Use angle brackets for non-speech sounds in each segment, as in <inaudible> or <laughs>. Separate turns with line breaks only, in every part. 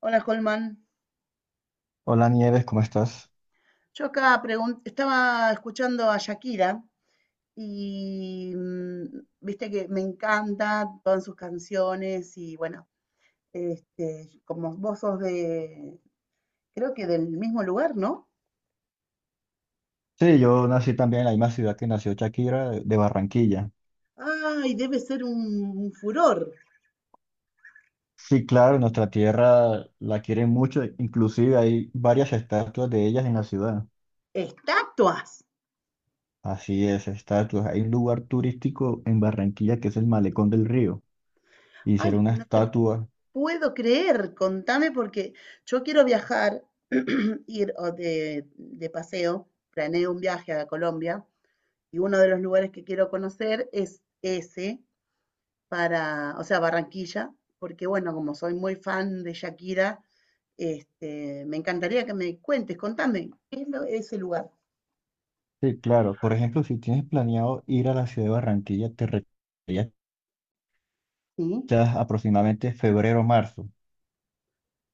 Hola, Holman.
Hola Nieves, ¿cómo estás?
Yo acá estaba escuchando a Shakira y viste que me encanta todas sus canciones y bueno, como vos sos creo que del mismo lugar, ¿no?
Sí, yo nací también en la misma ciudad que nació Shakira, de Barranquilla.
Ay, debe ser un furor.
Sí, claro, nuestra tierra la quieren mucho, inclusive hay varias estatuas de ellas en la ciudad.
Estatuas.
Así es, estatuas. Hay un lugar turístico en Barranquilla que es el Malecón del Río. Hicieron
Ay,
una
no te
estatua.
puedo creer. Contame, porque yo quiero viajar, <clears throat> ir o de paseo, planeo un viaje a Colombia. Y uno de los lugares que quiero conocer es ese, para, o sea, Barranquilla, porque bueno, como soy muy fan de Shakira, me encantaría que me cuentes, contame, ¿qué es ese lugar?
Sí, claro. Por ejemplo, si tienes planeado ir a la ciudad de Barranquilla, te recomendaría
Sí,
quizás aproximadamente febrero o marzo.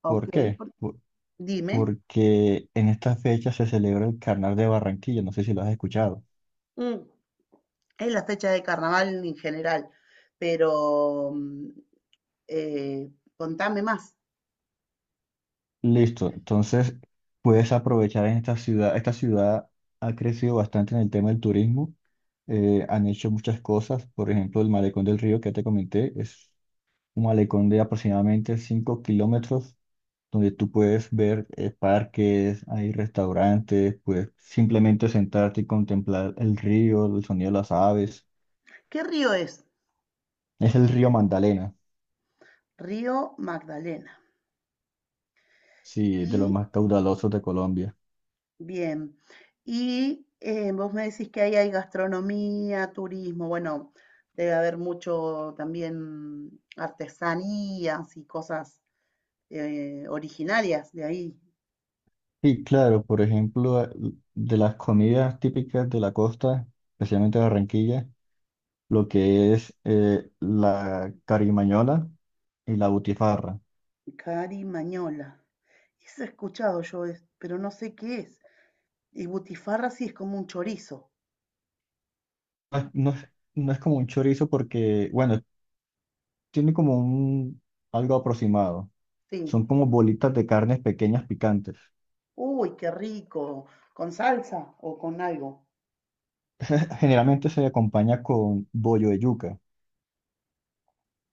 ok,
¿Por qué?
por- dime.
Porque en estas fechas se celebra el Carnaval de Barranquilla. No sé si lo has escuchado.
Mm, es la fecha de carnaval en general, pero eh, contame más.
Listo, entonces puedes aprovechar en esta ciudad. Esta ciudad ha crecido bastante en el tema del turismo. Han hecho muchas cosas. Por ejemplo, el malecón del río que ya te comenté es un malecón de aproximadamente 5 kilómetros donde tú puedes ver parques, hay restaurantes, puedes simplemente sentarte y contemplar el río, el sonido de las aves.
¿Qué río es?
Es el río Magdalena,
Río Magdalena.
sí, de los
Y
más caudalosos de Colombia.
bien. Y vos me decís que ahí hay gastronomía, turismo, bueno, debe haber mucho también artesanías y cosas originarias de ahí.
Sí, claro, por ejemplo, de las comidas típicas de la costa, especialmente de Barranquilla, lo que es la carimañola y la butifarra.
Carimañola. Eso he escuchado yo, pero no sé qué es. Y butifarra sí es como un chorizo.
No es, no es- no es como un chorizo porque, bueno, tiene como un algo aproximado.
Sí.
Son como bolitas de carnes pequeñas picantes.
Uy, qué rico. ¿Con salsa o con algo?
<laughs> Generalmente se acompaña con bollo de yuca,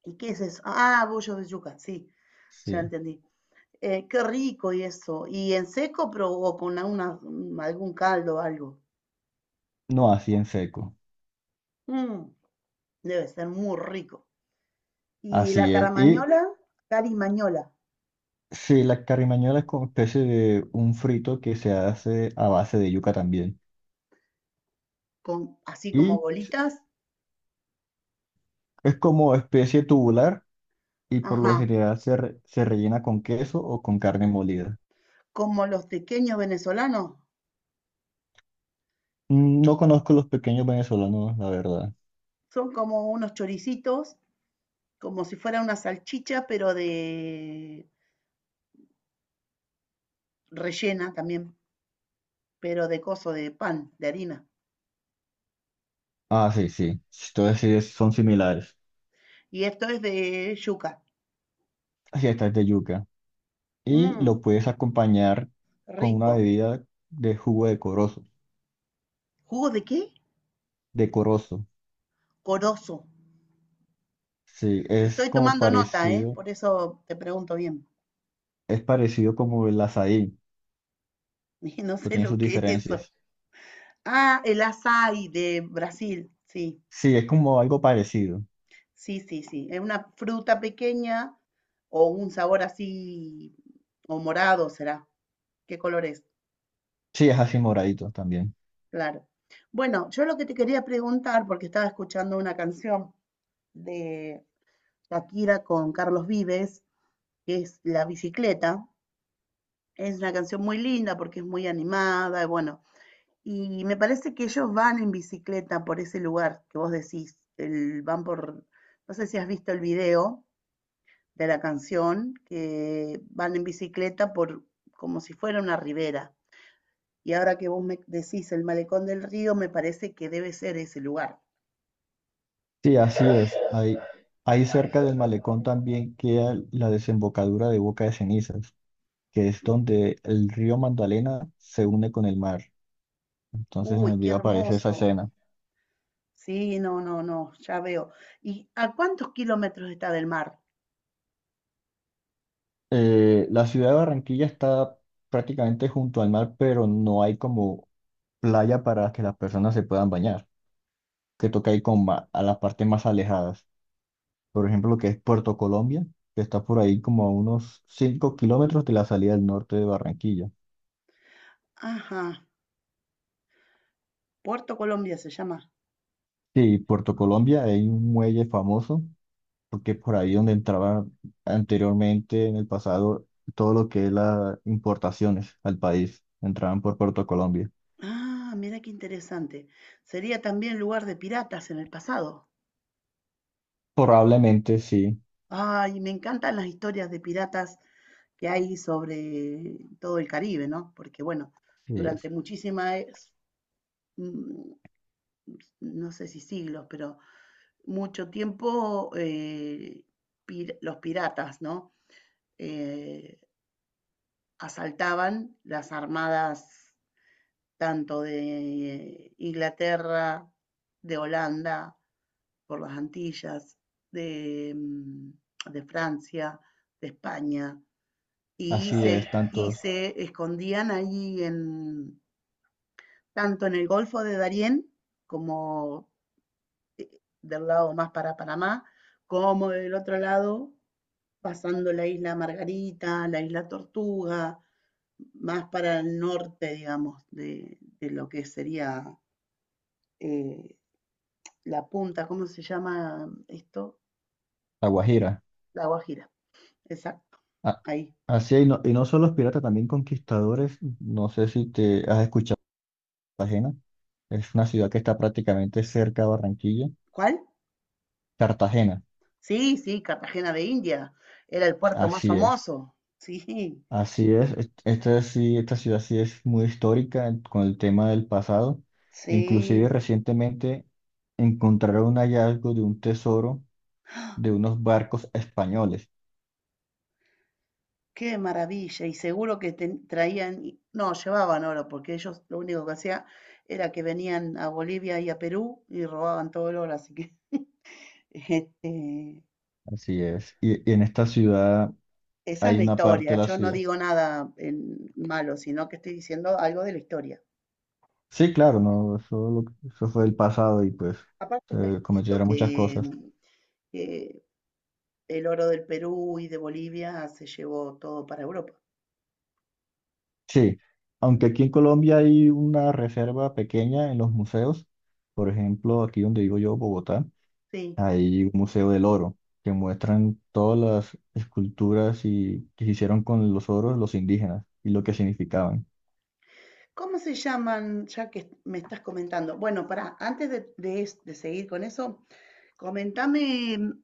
¿Y qué es eso? Ah, bollo de yuca, sí. Ya
sí,
entendí. Qué rico y eso. ¿Y en seco pero, o con algún caldo o algo?
no así en seco.
Mm, debe ser muy rico. ¿Y la
Así es.
caramañola? Carimañola,
Sí, la carimañola es como especie de un frito que se hace a base de yuca también.
con, así como
Y
bolitas.
es como especie tubular y por lo
Ajá,
general se rellena con queso o con carne molida.
como los pequeños venezolanos.
Mm, no conozco los pequeños venezolanos, la verdad.
Son como unos choricitos, como si fuera una salchicha, pero de rellena también, pero de coso, de pan, de harina.
Ah, sí, sí. Entonces sí, son similares.
Y esto es de yuca.
Así esta es de yuca. Y
Mm,
lo puedes acompañar con una
rico.
bebida de jugo de corozo.
¿Jugo de qué?
De corozo.
Corozo.
Sí, es
Estoy
como
tomando nota, ¿eh?
parecido,
Por eso te pregunto bien.
es parecido como el azaí,
<laughs> No
pero
sé
tiene
lo
sus
que es eso.
diferencias.
Ah, el açaí de Brasil. Sí,
Sí, es como algo parecido.
sí, sí, sí. Es una fruta pequeña o un sabor así, o morado será. ¿Qué color es?
Sí, es así moradito también.
Claro. Bueno, yo lo que te quería preguntar, porque estaba escuchando una canción de Shakira con Carlos Vives, que es La Bicicleta. Es una canción muy linda porque es muy animada, y bueno, y me parece que ellos van en bicicleta por ese lugar que vos decís, van por, no sé si has visto el video de la canción, que van en bicicleta por como si fuera una ribera. Y ahora que vos me decís el malecón del río, me parece que debe ser ese lugar.
Sí, así es. Ahí, ahí cerca del malecón también queda la desembocadura de Boca de Cenizas, que es donde el río Magdalena se une con el mar. Entonces en el
Uy, qué
video aparece esa
hermoso.
escena.
Sí, no, no, no, ya veo. ¿Y a cuántos kilómetros está del mar?
La ciudad de Barranquilla está prácticamente junto al mar, pero no hay como playa para que las personas se puedan bañar, que toca ir con a las partes más alejadas. Por ejemplo, lo que es Puerto Colombia, que está por ahí como a unos 5 kilómetros de la salida del norte de Barranquilla.
Ajá, Puerto Colombia se llama.
Sí, Puerto Colombia hay un muelle famoso, porque por ahí donde entraba anteriormente en el pasado todo lo que es las importaciones al país, entraban por Puerto Colombia.
Ah, mira qué interesante. Sería también lugar de piratas en el pasado.
Probablemente sí,
Ay, me encantan las historias de piratas que hay sobre todo el Caribe, ¿no? Porque bueno,
sí
durante
es.
mm, no sé si siglos, pero mucho tiempo, los piratas, ¿no? Eh, asaltaban las armadas tanto de Inglaterra, de Holanda, por las Antillas, de Francia, de España, y
Así
se,
es,
y
tantos.
se escondían ahí en, tanto en el Golfo de Darién, como eh, del lado más para Panamá, como del otro lado, pasando la isla Margarita, la isla Tortuga, más para el norte, digamos, de lo que sería eh, la punta, ¿cómo se llama esto?
La Guajira.
La Guajira, exacto,
Ah,
ahí.
así es, y no solo los piratas, también conquistadores, no sé si te has escuchado. Cartagena. Es una ciudad que está prácticamente cerca de Barranquilla.
¿Cuál?
Cartagena,
Sí, sí, Cartagena de India. Era el puerto más
así es.
famoso. <laughs> Sí,
Así es. Esta, sí, esta ciudad sí es muy histórica con el tema del pasado. Inclusive
sí.
recientemente encontraron un hallazgo de un tesoro de unos barcos españoles.
Qué maravilla. Y seguro que traían, no, llevaban oro, porque ellos lo único que hacían era que venían a Bolivia y a Perú y robaban todo el oro. Así que <laughs> este,
Así es. Y en esta ciudad
esa es
hay
la
una parte de
historia.
la
Yo no
ciudad.
digo nada en malo, sino que estoy diciendo algo de la historia.
Sí, claro, no, eso, eso fue el pasado y pues
Aparte está
se
escrito
cometieron muchas
que,
cosas.
que el oro del Perú y de Bolivia se llevó todo para Europa.
Sí, aunque aquí en Colombia hay una reserva pequeña en los museos, por ejemplo, aquí donde vivo yo, Bogotá,
Sí.
hay un museo del oro que muestran todas las esculturas y, que se hicieron con los oros los indígenas y lo que significaban.
¿Cómo se llaman, ya que me estás comentando? Bueno, para antes de seguir con eso, comentame,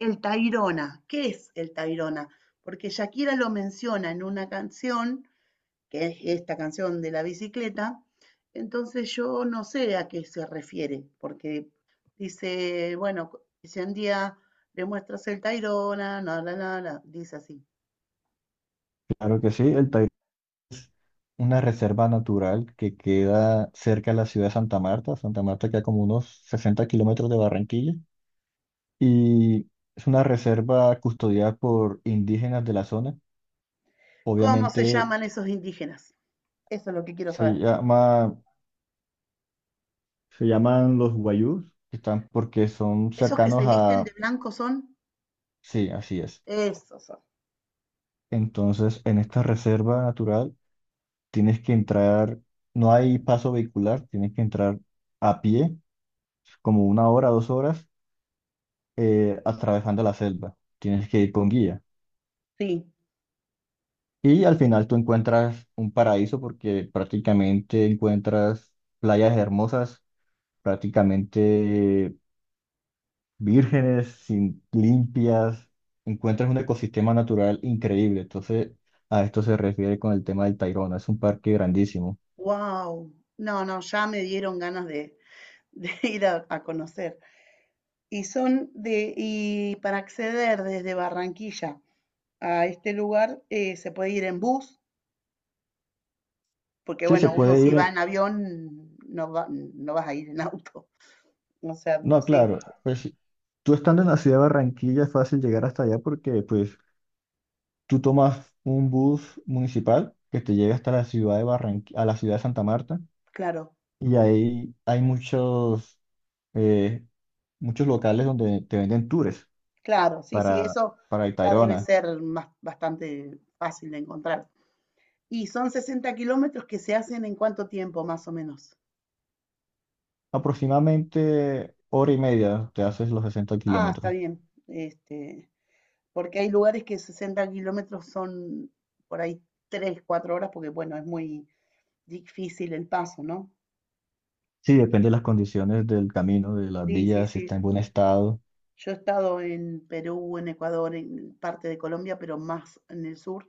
el tayrona. ¿Qué es el tayrona? Porque Shakira lo menciona en una canción, que es esta canción de la bicicleta, entonces yo no sé a qué se refiere, porque dice, bueno, si un día le muestras el tayrona, na, na, na, na, dice así.
Claro que sí, el Tairona es una reserva natural que queda cerca de la ciudad de Santa Marta, Santa Marta queda como unos 60 kilómetros de Barranquilla y es una reserva custodiada por indígenas de la zona.
¿Cómo se
Obviamente
llaman esos indígenas? Eso es lo que quiero
se
saber.
llama. Se llaman los guayús, que están porque son
¿Esos que
cercanos
se visten
a...
de blanco son?
Sí, así es.
Eso son,
Entonces, en esta reserva natural tienes que entrar, no hay paso vehicular, tienes que entrar a pie, como una hora, dos horas, atravesando la selva. Tienes que ir con guía.
sí.
Y al final tú encuentras un paraíso porque prácticamente encuentras playas hermosas, prácticamente vírgenes, sin, limpias, encuentras un ecosistema natural increíble. Entonces, a esto se refiere con el tema del Tayrona. Es un parque grandísimo.
Wow. No, no, ya me dieron ganas de <laughs> ir a conocer. Y son y para acceder desde Barranquilla a este lugar, se puede ir en bus, porque
Sí, se
bueno, uno
puede
si
ir.
va en avión no va, no vas a ir en auto. <laughs> O sea, no
No,
sé,
claro, pues tú estando en la ciudad de Barranquilla es fácil llegar hasta allá porque pues tú tomas un bus municipal que te llega hasta la ciudad de Barranquilla, a la ciudad de Santa Marta
claro,
y ahí hay muchos, eh, muchos locales donde te venden tours
claro, sí, sí,
para,
eso
para el
ya debe
Tayrona.
ser más, bastante fácil de encontrar. Y son 60 kilómetros que se hacen en cuánto tiempo, más o menos.
Aproximadamente hora y media te haces los 60
Ah, está
kilómetros.
bien. Este, porque hay lugares que 60 kilómetros son por ahí 3 4 horas, porque bueno, es muy difícil el paso, ¿no?
Sí, depende de las condiciones del camino, de las
Sí, sí,
vías, si está
sí.
en buen estado.
Yo he estado en Perú, en Ecuador, en parte de Colombia, pero más en el sur,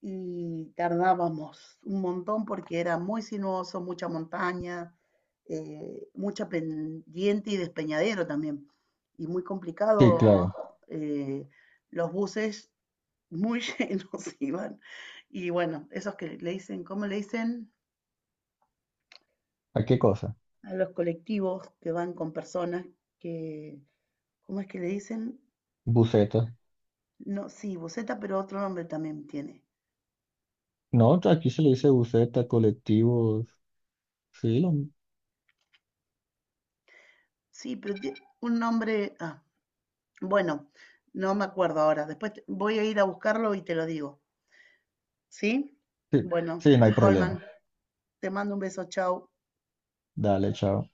y tardábamos un montón porque era muy sinuoso, mucha montaña, mucha pendiente y despeñadero también, y muy
Sí,
complicado.
claro.
Eh, los buses muy <laughs> llenos iban. Y bueno, esos que le dicen, ¿cómo le dicen?
¿A qué cosa?
A los colectivos que van con personas que, ¿cómo es que le dicen?
Buseta.
No, sí, buseta, pero otro nombre también tiene.
No, aquí se le dice buseta, colectivos. Sí,
Sí, pero tiene un nombre, ah, bueno, no me acuerdo ahora. Después voy a ir a buscarlo y te lo digo. ¿Sí?
sí,
Bueno,
sí, no hay problema.
Holman, te mando un beso, chao.
Dale, chao.